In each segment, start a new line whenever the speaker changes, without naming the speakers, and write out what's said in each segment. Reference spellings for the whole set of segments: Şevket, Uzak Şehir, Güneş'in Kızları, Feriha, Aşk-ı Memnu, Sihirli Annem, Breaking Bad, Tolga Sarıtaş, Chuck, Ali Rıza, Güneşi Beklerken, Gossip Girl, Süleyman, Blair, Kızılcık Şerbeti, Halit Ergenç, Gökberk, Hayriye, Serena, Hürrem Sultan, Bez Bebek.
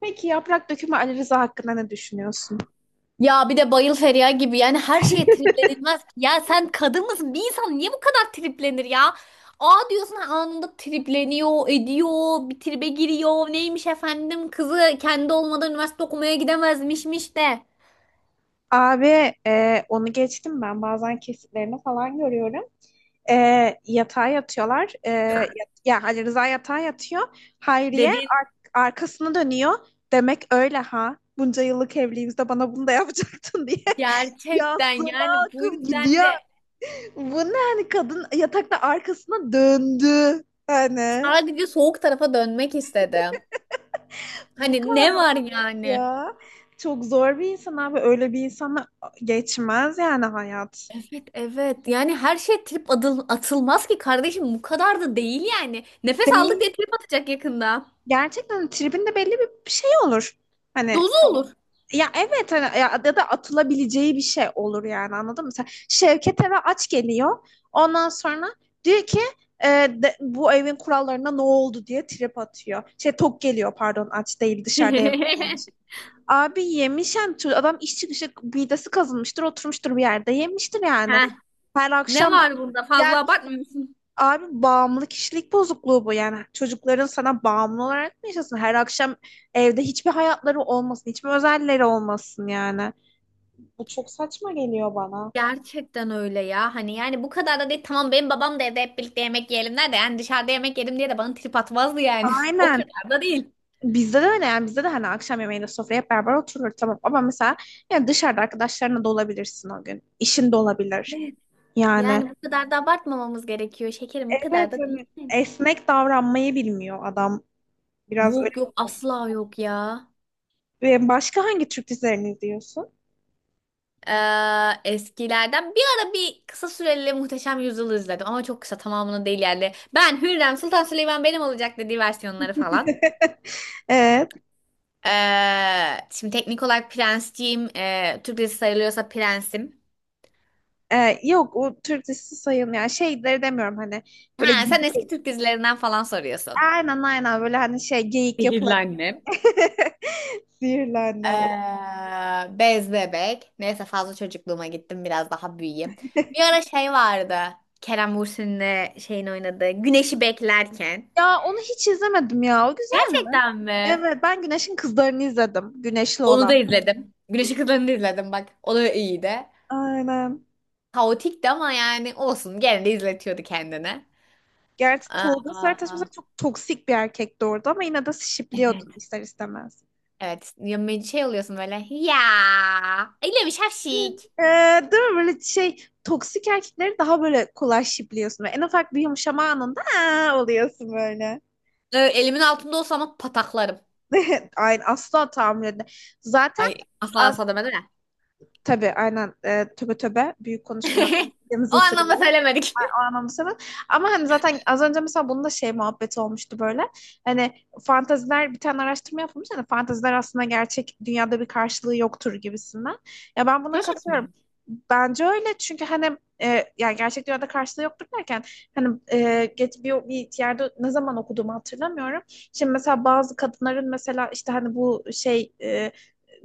Peki yaprak dökümü Ali Rıza hakkında ne düşünüyorsun?
Ya bir de bayıl Feriha gibi yani her şeye triplenilmez. Ya sen kadın mısın? Bir insan niye bu kadar triplenir ya? Aa diyorsun anında tripleniyor, ediyor, bir tribe giriyor. Neymiş efendim kızı kendi olmadan üniversite okumaya gidemezmişmiş de.
Abi onu geçtim ben bazen kesitlerini falan görüyorum. E, Yatağa yatıyorlar. Ya Ali Rıza yatağa yatıyor. Hayriye
Dedim
arkasını dönüyor. Demek öyle ha. Bunca yıllık evliliğimizde bana bunu da yapacaktın diye.
gerçekten
Yastığına
yani bu
akıp
yüzden
gidiyor.
de
Bu ne, hani kadın yatakta arkasına döndü. Yani
sadece soğuk tarafa dönmek istedi.
bu
Hani
kadar
ne var
olmaz
yani?
ya. Çok zor bir insan abi. Öyle bir insanla geçmez yani hayat.
Evet yani her şey atılmaz ki kardeşim bu kadar da değil yani. Nefes aldık
Değil.
diye trip atacak yakında.
Gerçekten tribinde belli bir şey olur. Hani
Dozu olur.
ya, evet hani ya, ya da atılabileceği bir şey olur yani, anladın mı? Sen, Şevket eve aç geliyor. Ondan sonra diyor ki bu evin kurallarına ne oldu diye trip atıyor. Şey, tok geliyor, pardon, aç değil, dışarıda yemek yemiş. Abi yemiş yani adam iş çıkışı midesi kazınmıştır, oturmuştur bir yerde yemiştir yani.
Ha,
Her
ne
akşam
var bunda?
ya.
Fazla abartmıyorsun.
Abi, bağımlı kişilik bozukluğu bu yani. Çocukların sana bağımlı olarak mı yaşasın? Her akşam evde hiçbir hayatları olmasın, hiçbir özelleri olmasın yani. Bu çok saçma geliyor bana.
Gerçekten öyle ya. Hani yani bu kadar da değil. Tamam benim babam da evde hep birlikte yemek yiyelim der de yani dışarıda yemek yedim diye de bana trip atmazdı yani. O
Aynen.
kadar da değil.
Bizde de öyle yani. Bizde de hani akşam yemeğinde sofraya hep beraber oturur, tamam, ama mesela yani dışarıda arkadaşlarına da olabilirsin o gün. İşin de olabilir.
Evet.
Yani
Yani bu kadar da abartmamamız gerekiyor. Şekerim o kadar
evet,
da değil
hani
yani.
esnek davranmayı bilmiyor adam. Biraz öyle.
Yok yok asla yok ya.
Ve başka hangi Türk dizilerini izliyorsun?
Eskilerden bir ara bir kısa süreli Muhteşem Yüzyıl'ı izledim ama çok kısa tamamını değil yani. Ben Hürrem Sultan Süleyman benim olacak dediği versiyonları falan.
Evet.
Şimdi teknik olarak prensciyim. Türk dizisi sayılıyorsa prensim.
Yok, o Türk dizisi sayılmıyor. Yani şeyleri demiyorum, hani böyle
Ha, sen
gibi.
eski Türk dizilerinden falan soruyorsun.
Aynen, aynen, böyle hani şey geyik
Sihirli
yapılacak.
Annem.
Sihirlendim.
Bez Bebek. Neyse fazla çocukluğuma gittim biraz daha büyüyeyim. Bir ara şey vardı. Kerem Bürsin'le şeyin oynadığı Güneşi Beklerken.
Ya onu hiç izlemedim ya. O güzel mi?
Gerçekten mi?
Evet, ben Güneş'in Kızlarını izledim. Güneşli
Onu
olan.
da izledim. Güneşi Kızları'nı da izledim bak. O da iyiydi.
Aynen.
Kaotikti ama yani olsun. Gene de izletiyordu kendini.
Gerçi Tolga Sarıtaş
Aa,
mesela çok toksik bir erkekti orada ama yine de
evet.
şipliyordun ister istemez.
Evet. Ya, şey oluyorsun böyle. Ya. Öyle bir şapşik.
Ee, Değil mi, böyle şey toksik erkekleri daha böyle kolay şipliyorsun. En ufak bir yumuşama anında "Aa!" oluyorsun böyle.
Evet, elimin altında olsa ama pataklarım.
Aynen, asla tahammül edemem. Zaten
Ay asla
az
asla demedim ya.
tabii, aynen, töbe töbe, büyük konuşmuyorum.
O
Yanınıza
anlamda
sırıyorum
söylemedik.
o anlamda. Ama hani zaten az önce mesela bunun da şey muhabbeti olmuştu böyle. Hani fanteziler, bir tane araştırma yapılmış. Hani fanteziler aslında gerçek dünyada bir karşılığı yoktur gibisinden. Ya ben buna
Gerçekten
katılıyorum.
mi?
Bence öyle, çünkü hani yani gerçek dünyada karşılığı yoktur derken hani geç bir yerde ne zaman okuduğumu hatırlamıyorum. Şimdi mesela bazı kadınların, mesela işte hani bu şey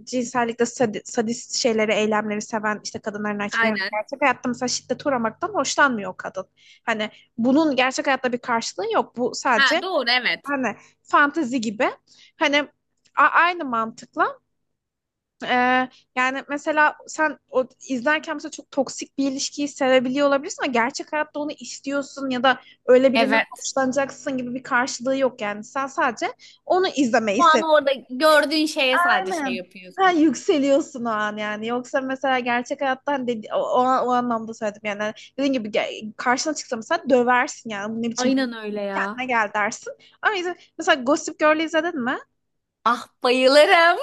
cinsellikte sadist şeyleri, eylemleri seven işte kadınların, erkeklerin,
Aynen.
gerçek hayatta mesela şiddete uğramaktan hoşlanmıyor o kadın. Hani bunun gerçek hayatta bir karşılığı yok. Bu
Ha
sadece
doğru evet.
hani fantezi gibi. Hani aynı mantıkla e, yani mesela sen o izlerken mesela çok toksik bir ilişkiyi sevebiliyor olabilirsin ama gerçek hayatta onu istiyorsun ya da öyle birinden
Evet.
hoşlanacaksın gibi bir karşılığı yok yani. Sen sadece onu izlemeyi
O an
seviyorsun.
orada gördüğün şeye sadece şey
Aynen. Ha,
yapıyorsun.
yükseliyorsun o an yani. Yoksa mesela gerçek hayattan dedi, o anlamda söyledim yani. Dediğim gibi karşına çıksa mesela döversin yani. Bu ne biçim,
Aynen öyle ya.
kendine gel dersin. Ama mesela Gossip Girl'ü izledin mi?
Ah bayılırım.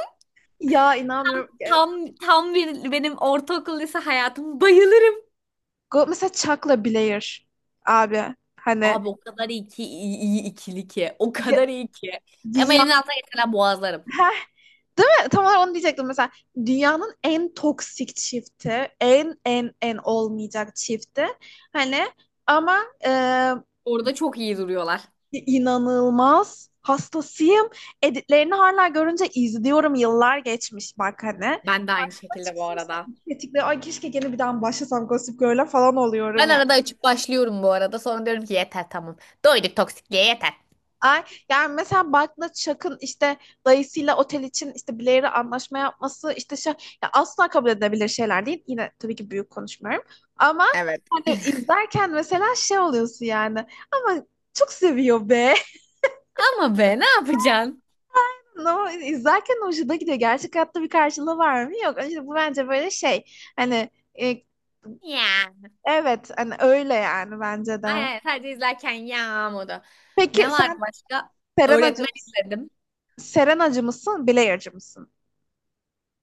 Ya inanmıyorum. Ya,
Tam bir benim ortaokul lise hayatım bayılırım.
Mesela Chuck'la Blair abi. Hani
Abi o kadar iyi ki iyi, iyi ikili ki. O
ya-
kadar iyi ki. Ama elimden
dünyanın.
altına geçenler boğazlarım.
Heh, değil mi? Tam olarak onu diyecektim mesela. Dünyanın en toksik çifti. En, en, en olmayacak çifti. Hani ama.
Orada çok iyi duruyorlar.
İnanılmaz. Hastasıyım. Editlerini hala görünce izliyorum. Yıllar geçmiş bak hani.
Ben de aynı
Karşıma
şekilde bu
çıksam,
arada.
tetikle, ay keşke gene bir daha başlasam Gossip Girl'e falan oluyorum
Ben
ya. Yani.
arada açıp başlıyorum bu arada. Sonra diyorum ki yeter tamam. Doyduk toksikliğe yeter.
Ay, yani mesela Buck'la Chuck'ın işte dayısıyla otel için işte Blair'e anlaşma yapması işte şey, ya asla kabul edilebilir şeyler değil. Yine tabii ki büyük konuşmuyorum. Ama
Evet.
hani izlerken mesela şey oluyorsun yani. Ama çok seviyor be.
Ama be ne yapacaksın?
Ama izlerken hoşuna gidiyor. Gerçek hayatta bir karşılığı var mı? Yok. İşte bu bence böyle şey. Hani e,
Ya.
evet, hani öyle yani bence de.
Ay, sadece izlerken ya modu.
Peki
Ne vardı
sen
başka?
Serenacı
Öğretmen
mısın?
izledim.
Bilayırcı mısın?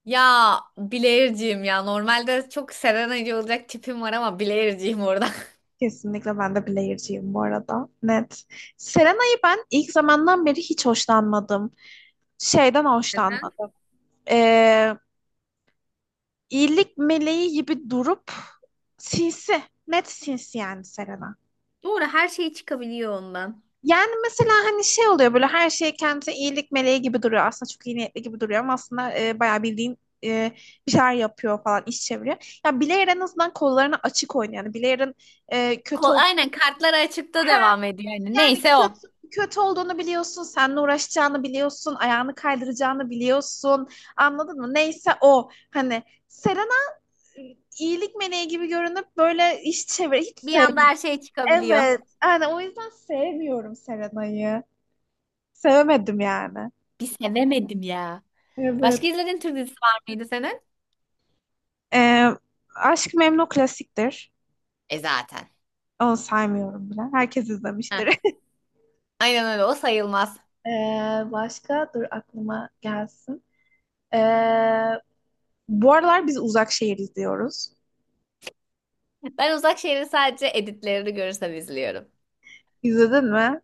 Ya Blair'ciyim ya. Normalde çok Serenacı olacak tipim var ama Blair'ciyim orada.
Kesinlikle ben de Bilayırcıyım bu arada. Net. Serena'yı ben ilk zamandan beri hiç hoşlanmadım. Şeyden
Neden?
hoşlanmadım. Ee, iyilik meleği gibi durup sinsi. Net sinsi yani Serena.
Doğru her şey çıkabiliyor ondan.
Yani mesela hani şey oluyor, böyle her şey kendisi iyilik meleği gibi duruyor. Aslında çok iyi niyetli gibi duruyor ama aslında bayağı bildiğin e, bir şeyler yapıyor falan, iş çeviriyor. Ya Blair en azından kollarını açık oynuyor. Yani Blair'ın kötü
Kol,
ol,
aynen kartlar açıkta devam ediyor. Yani
yani
neyse
kötü
o.
kötü olduğunu biliyorsun, seninle uğraşacağını biliyorsun, ayağını kaydıracağını biliyorsun. Anladın mı? Neyse o, hani Serena iyilik meleği gibi görünüp böyle iş çevir, hiç
Bir anda
sevmiyorum.
her şey çıkabiliyor.
Evet. Yani o yüzden sevmiyorum Serena'yı. Sevemedim yani.
Bir sevemedim ya.
Evet.
Başka izlediğin Türk dizisi var mıydı senin?
Ee, Aşk-ı Memnu klasiktir.
E zaten.
Onu saymıyorum bile. Herkes
Heh.
izlemiştir.
Aynen öyle o sayılmaz.
Ee, Başka, dur aklıma gelsin. Ee, Bu aralar biz Uzak Şehir izliyoruz.
Ben Uzak Şehir'i sadece editlerini görürsem izliyorum.
İzledin mi?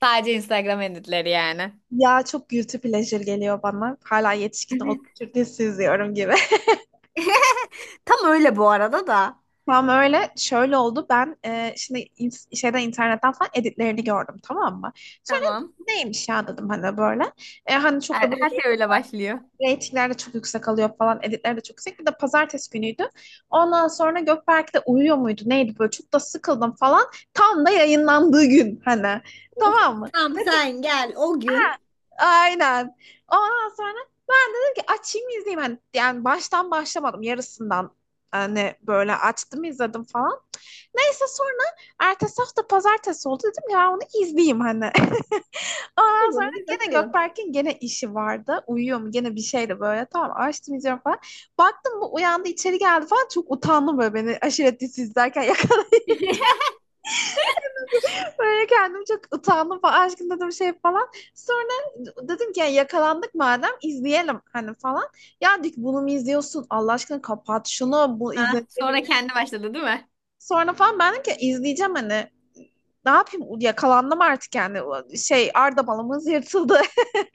Sadece Instagram editleri yani.
Ya çok guilty pleasure geliyor bana. Hala yetişkin olup Türkçesi izliyorum gibi.
Tam öyle bu arada da.
Tam öyle, şöyle oldu. Ben şimdi şeyden internetten falan editlerini gördüm, tamam mı? Sonra
Tamam.
neymiş ya dedim hani böyle. Hani çok
Her,
da böyle.
her şey öyle başlıyor.
Reytingler de çok yüksek alıyor falan. Editler de çok yüksek. Bir de pazartesi günüydü. Ondan sonra Gökberk de uyuyor muydu? Neydi böyle? Çok da sıkıldım falan. Tam da yayınlandığı gün hani.
Oh,
Tamam mı?
tam sen gel o gün.
Aynen. Ondan sonra dedim ki açayım izleyeyim. Hani, yani baştan başlamadım. Yarısından hani böyle açtım, izledim falan. Neyse sonra ertesi hafta pazartesi oldu. Dedim ya onu izleyeyim hani. Ondan
Bir
sonra
bunu bir
gene
bakalım.
Gökberk'in gene işi vardı. Uyuyor mu gene bir şeyle, böyle tamam, açtım falan. Baktım, bu uyandı, içeri geldi falan, çok utandım böyle beni aşiret dizisi izlerken. Böyle kendim çok utandım falan, aşkım dedim, şey falan. Sonra dedim ki "Ya, yakalandık madem izleyelim hani falan. Ya dik bunu mu izliyorsun Allah aşkına, kapat şunu, bu
Ha,
izlenir
sonra
mi?"
kendi başladı değil mi?
Sonra falan ben dedim ki izleyeceğim hani. Ne yapayım, yakalandım artık yani şey, Arda balımız yırtıldı.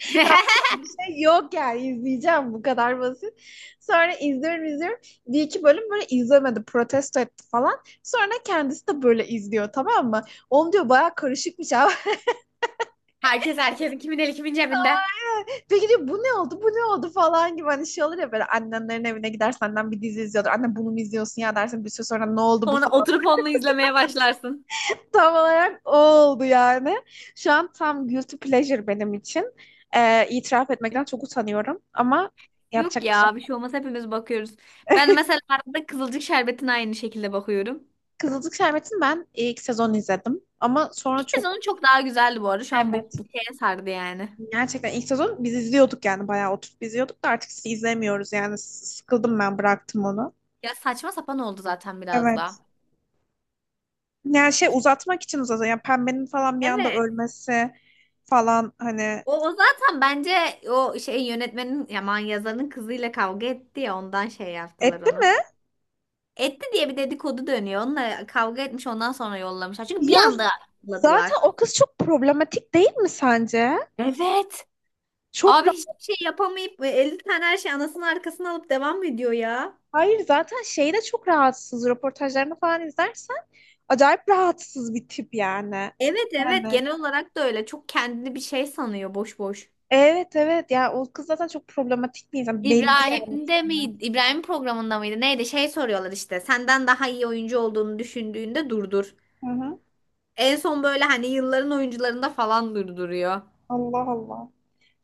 Yapacak bir şey yok yani, izleyeceğim, bu kadar basit. Sonra izliyorum, izliyorum. Bir iki bölüm böyle izlemedi, protesto etti falan. Sonra kendisi de böyle izliyor, tamam mı? Oğlum diyor, baya karışıkmış abi.
Herkes herkesin kimin eli kimin cebinde.
Peki diyor, bu ne oldu, bu ne oldu falan, gibi hani şey olur ya, böyle annenlerin evine gider, senden bir dizi izliyordur. Anne bunu mu izliyorsun ya dersin bir süre sonra, ne oldu bu
Sonra
falan.
oturup onunla izlemeye başlarsın.
Tam olarak o oldu yani. Şu an tam guilty pleasure benim için. İtiraf etmekten çok utanıyorum ama
Yok
yapacak bir şey.
ya bir şey olmaz hepimiz bakıyoruz. Ben mesela arada Kızılcık Şerbeti'ne aynı şekilde bakıyorum.
Kızılcık Şerbeti'ni ben ilk sezon izledim. Ama
İki
sonra çok.
sezonu çok daha güzeldi bu arada. Şu an bu
Evet.
bu şeye sardı yani.
Gerçekten ilk sezon biz izliyorduk, yani bayağı oturup izliyorduk da artık sizi izlemiyoruz yani. Sıkıldım, ben bıraktım onu.
Ya saçma sapan oldu zaten biraz
Evet.
daha.
Yani şey, uzatmak için uzatıyor. Yani pembenin falan bir anda
Evet.
ölmesi falan hani,
O zaten bence o şey yönetmenin yaman yazarın kızıyla kavga etti ya ondan şey yaptılar
etti
onu.
mi?
Etti diye bir dedikodu dönüyor. Onunla kavga etmiş ondan sonra yollamışlar. Çünkü bir
Ya,
anda
zaten
yolladılar.
o kız çok problematik değil mi sence?
Evet.
Çok
Abi
ra-
hiçbir şey yapamayıp 50 tane her şey anasının arkasına alıp devam ediyor ya.
Hayır, zaten şeyde çok rahatsız. Röportajlarını falan izlersen acayip rahatsız bir tip yani.
Evet
Yani
genel olarak da öyle. Çok kendini bir şey sanıyor boş boş.
evet, evet, ya o kız zaten çok problematik bir insan, belli yani
İbrahim'de
tipinden.
miydi? İbrahim programında mıydı? Neydi? Şey soruyorlar işte. Senden daha iyi oyuncu olduğunu düşündüğünde durdur.
Hı hı.
En son böyle hani yılların oyuncularında falan durduruyor.
Allah Allah.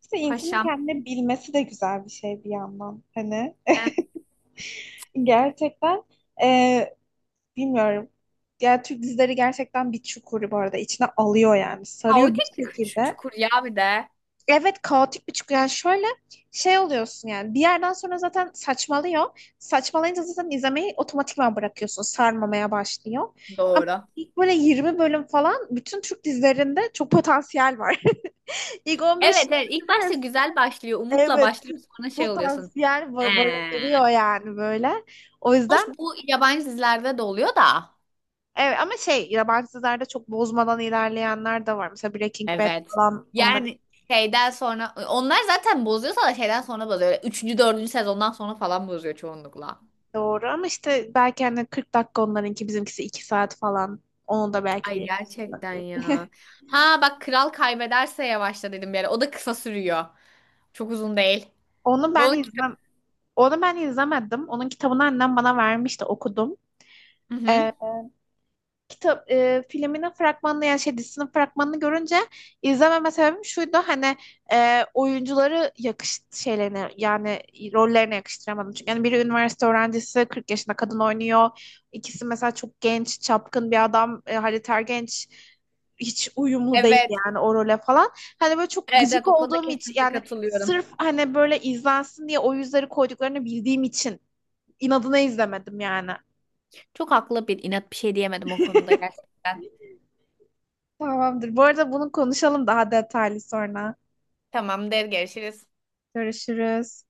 İşte insanın
Paşam.
kendini bilmesi de güzel bir şey bir yandan hani.
Eh.
Gerçekten e, bilmiyorum. Ya Türk dizileri gerçekten bir çukuru bu arada içine alıyor yani, sarıyor bir şekilde.
Çukur ya bir de.
Evet, kaotik bir çıkı yani, şöyle şey oluyorsun yani, bir yerden sonra zaten saçmalıyor. Saçmalayınca zaten izlemeyi otomatikman bırakıyorsun, sarmamaya başlıyor. Ama
Doğru.
ilk böyle 20 bölüm falan bütün Türk dizilerinde çok potansiyel var. İlk 15
Evet ilk
bölüm
başta güzel başlıyor. Umutla
evet,
başlıyor sonra şey oluyorsun.
potansiyel
Ee.
barındırıyor yani böyle. O
Hoş
yüzden
bu yabancı dizilerde de oluyor da.
evet, ama şey, yabancı dizilerde çok bozmadan ilerleyenler de var. Mesela Breaking Bad
Evet.
falan, onlar.
Yani şeyden sonra onlar zaten bozuyorsa da şeyden sonra bozuyor. Öyle Üçüncü, dördüncü sezondan sonra falan bozuyor çoğunlukla.
Doğru, ama işte belki hani 40 dakika onlarınki, bizimkisi 2 saat falan. Onu da belki
Ay
bir.
gerçekten ya. Ha bak kral kaybederse yavaşla dedim bir ara. O da kısa sürüyor. Çok uzun değil.
Onu
Ve
ben
onun
izlem
kitabı...
Onu ben izlemedim. Onun kitabını annem bana vermişti, okudum.
Hı hı.
Ee, Kitap, filminin fragmanını yani şey dizisinin fragmanını görünce izlememe sebebim şuydu hani oyuncuları yakış şeylerine yani rollerine yakıştıramadım. Çünkü yani biri üniversite öğrencisi, 40 yaşında kadın oynuyor. İkisi mesela çok genç, çapkın bir adam, Halit Ergenç hiç uyumlu değil
Evet.
yani o role falan. Hani böyle çok
Evet
gıcık
evet o konuda
olduğum için
kesinlikle
yani,
katılıyorum.
sırf hani böyle izlensin diye o yüzleri koyduklarını bildiğim için inadına izlemedim yani.
Çok haklı bir inat bir şey diyemedim o konuda gerçekten.
Tamamdır. Bu arada bunu konuşalım daha detaylı sonra.
Tamamdır görüşürüz.
Görüşürüz.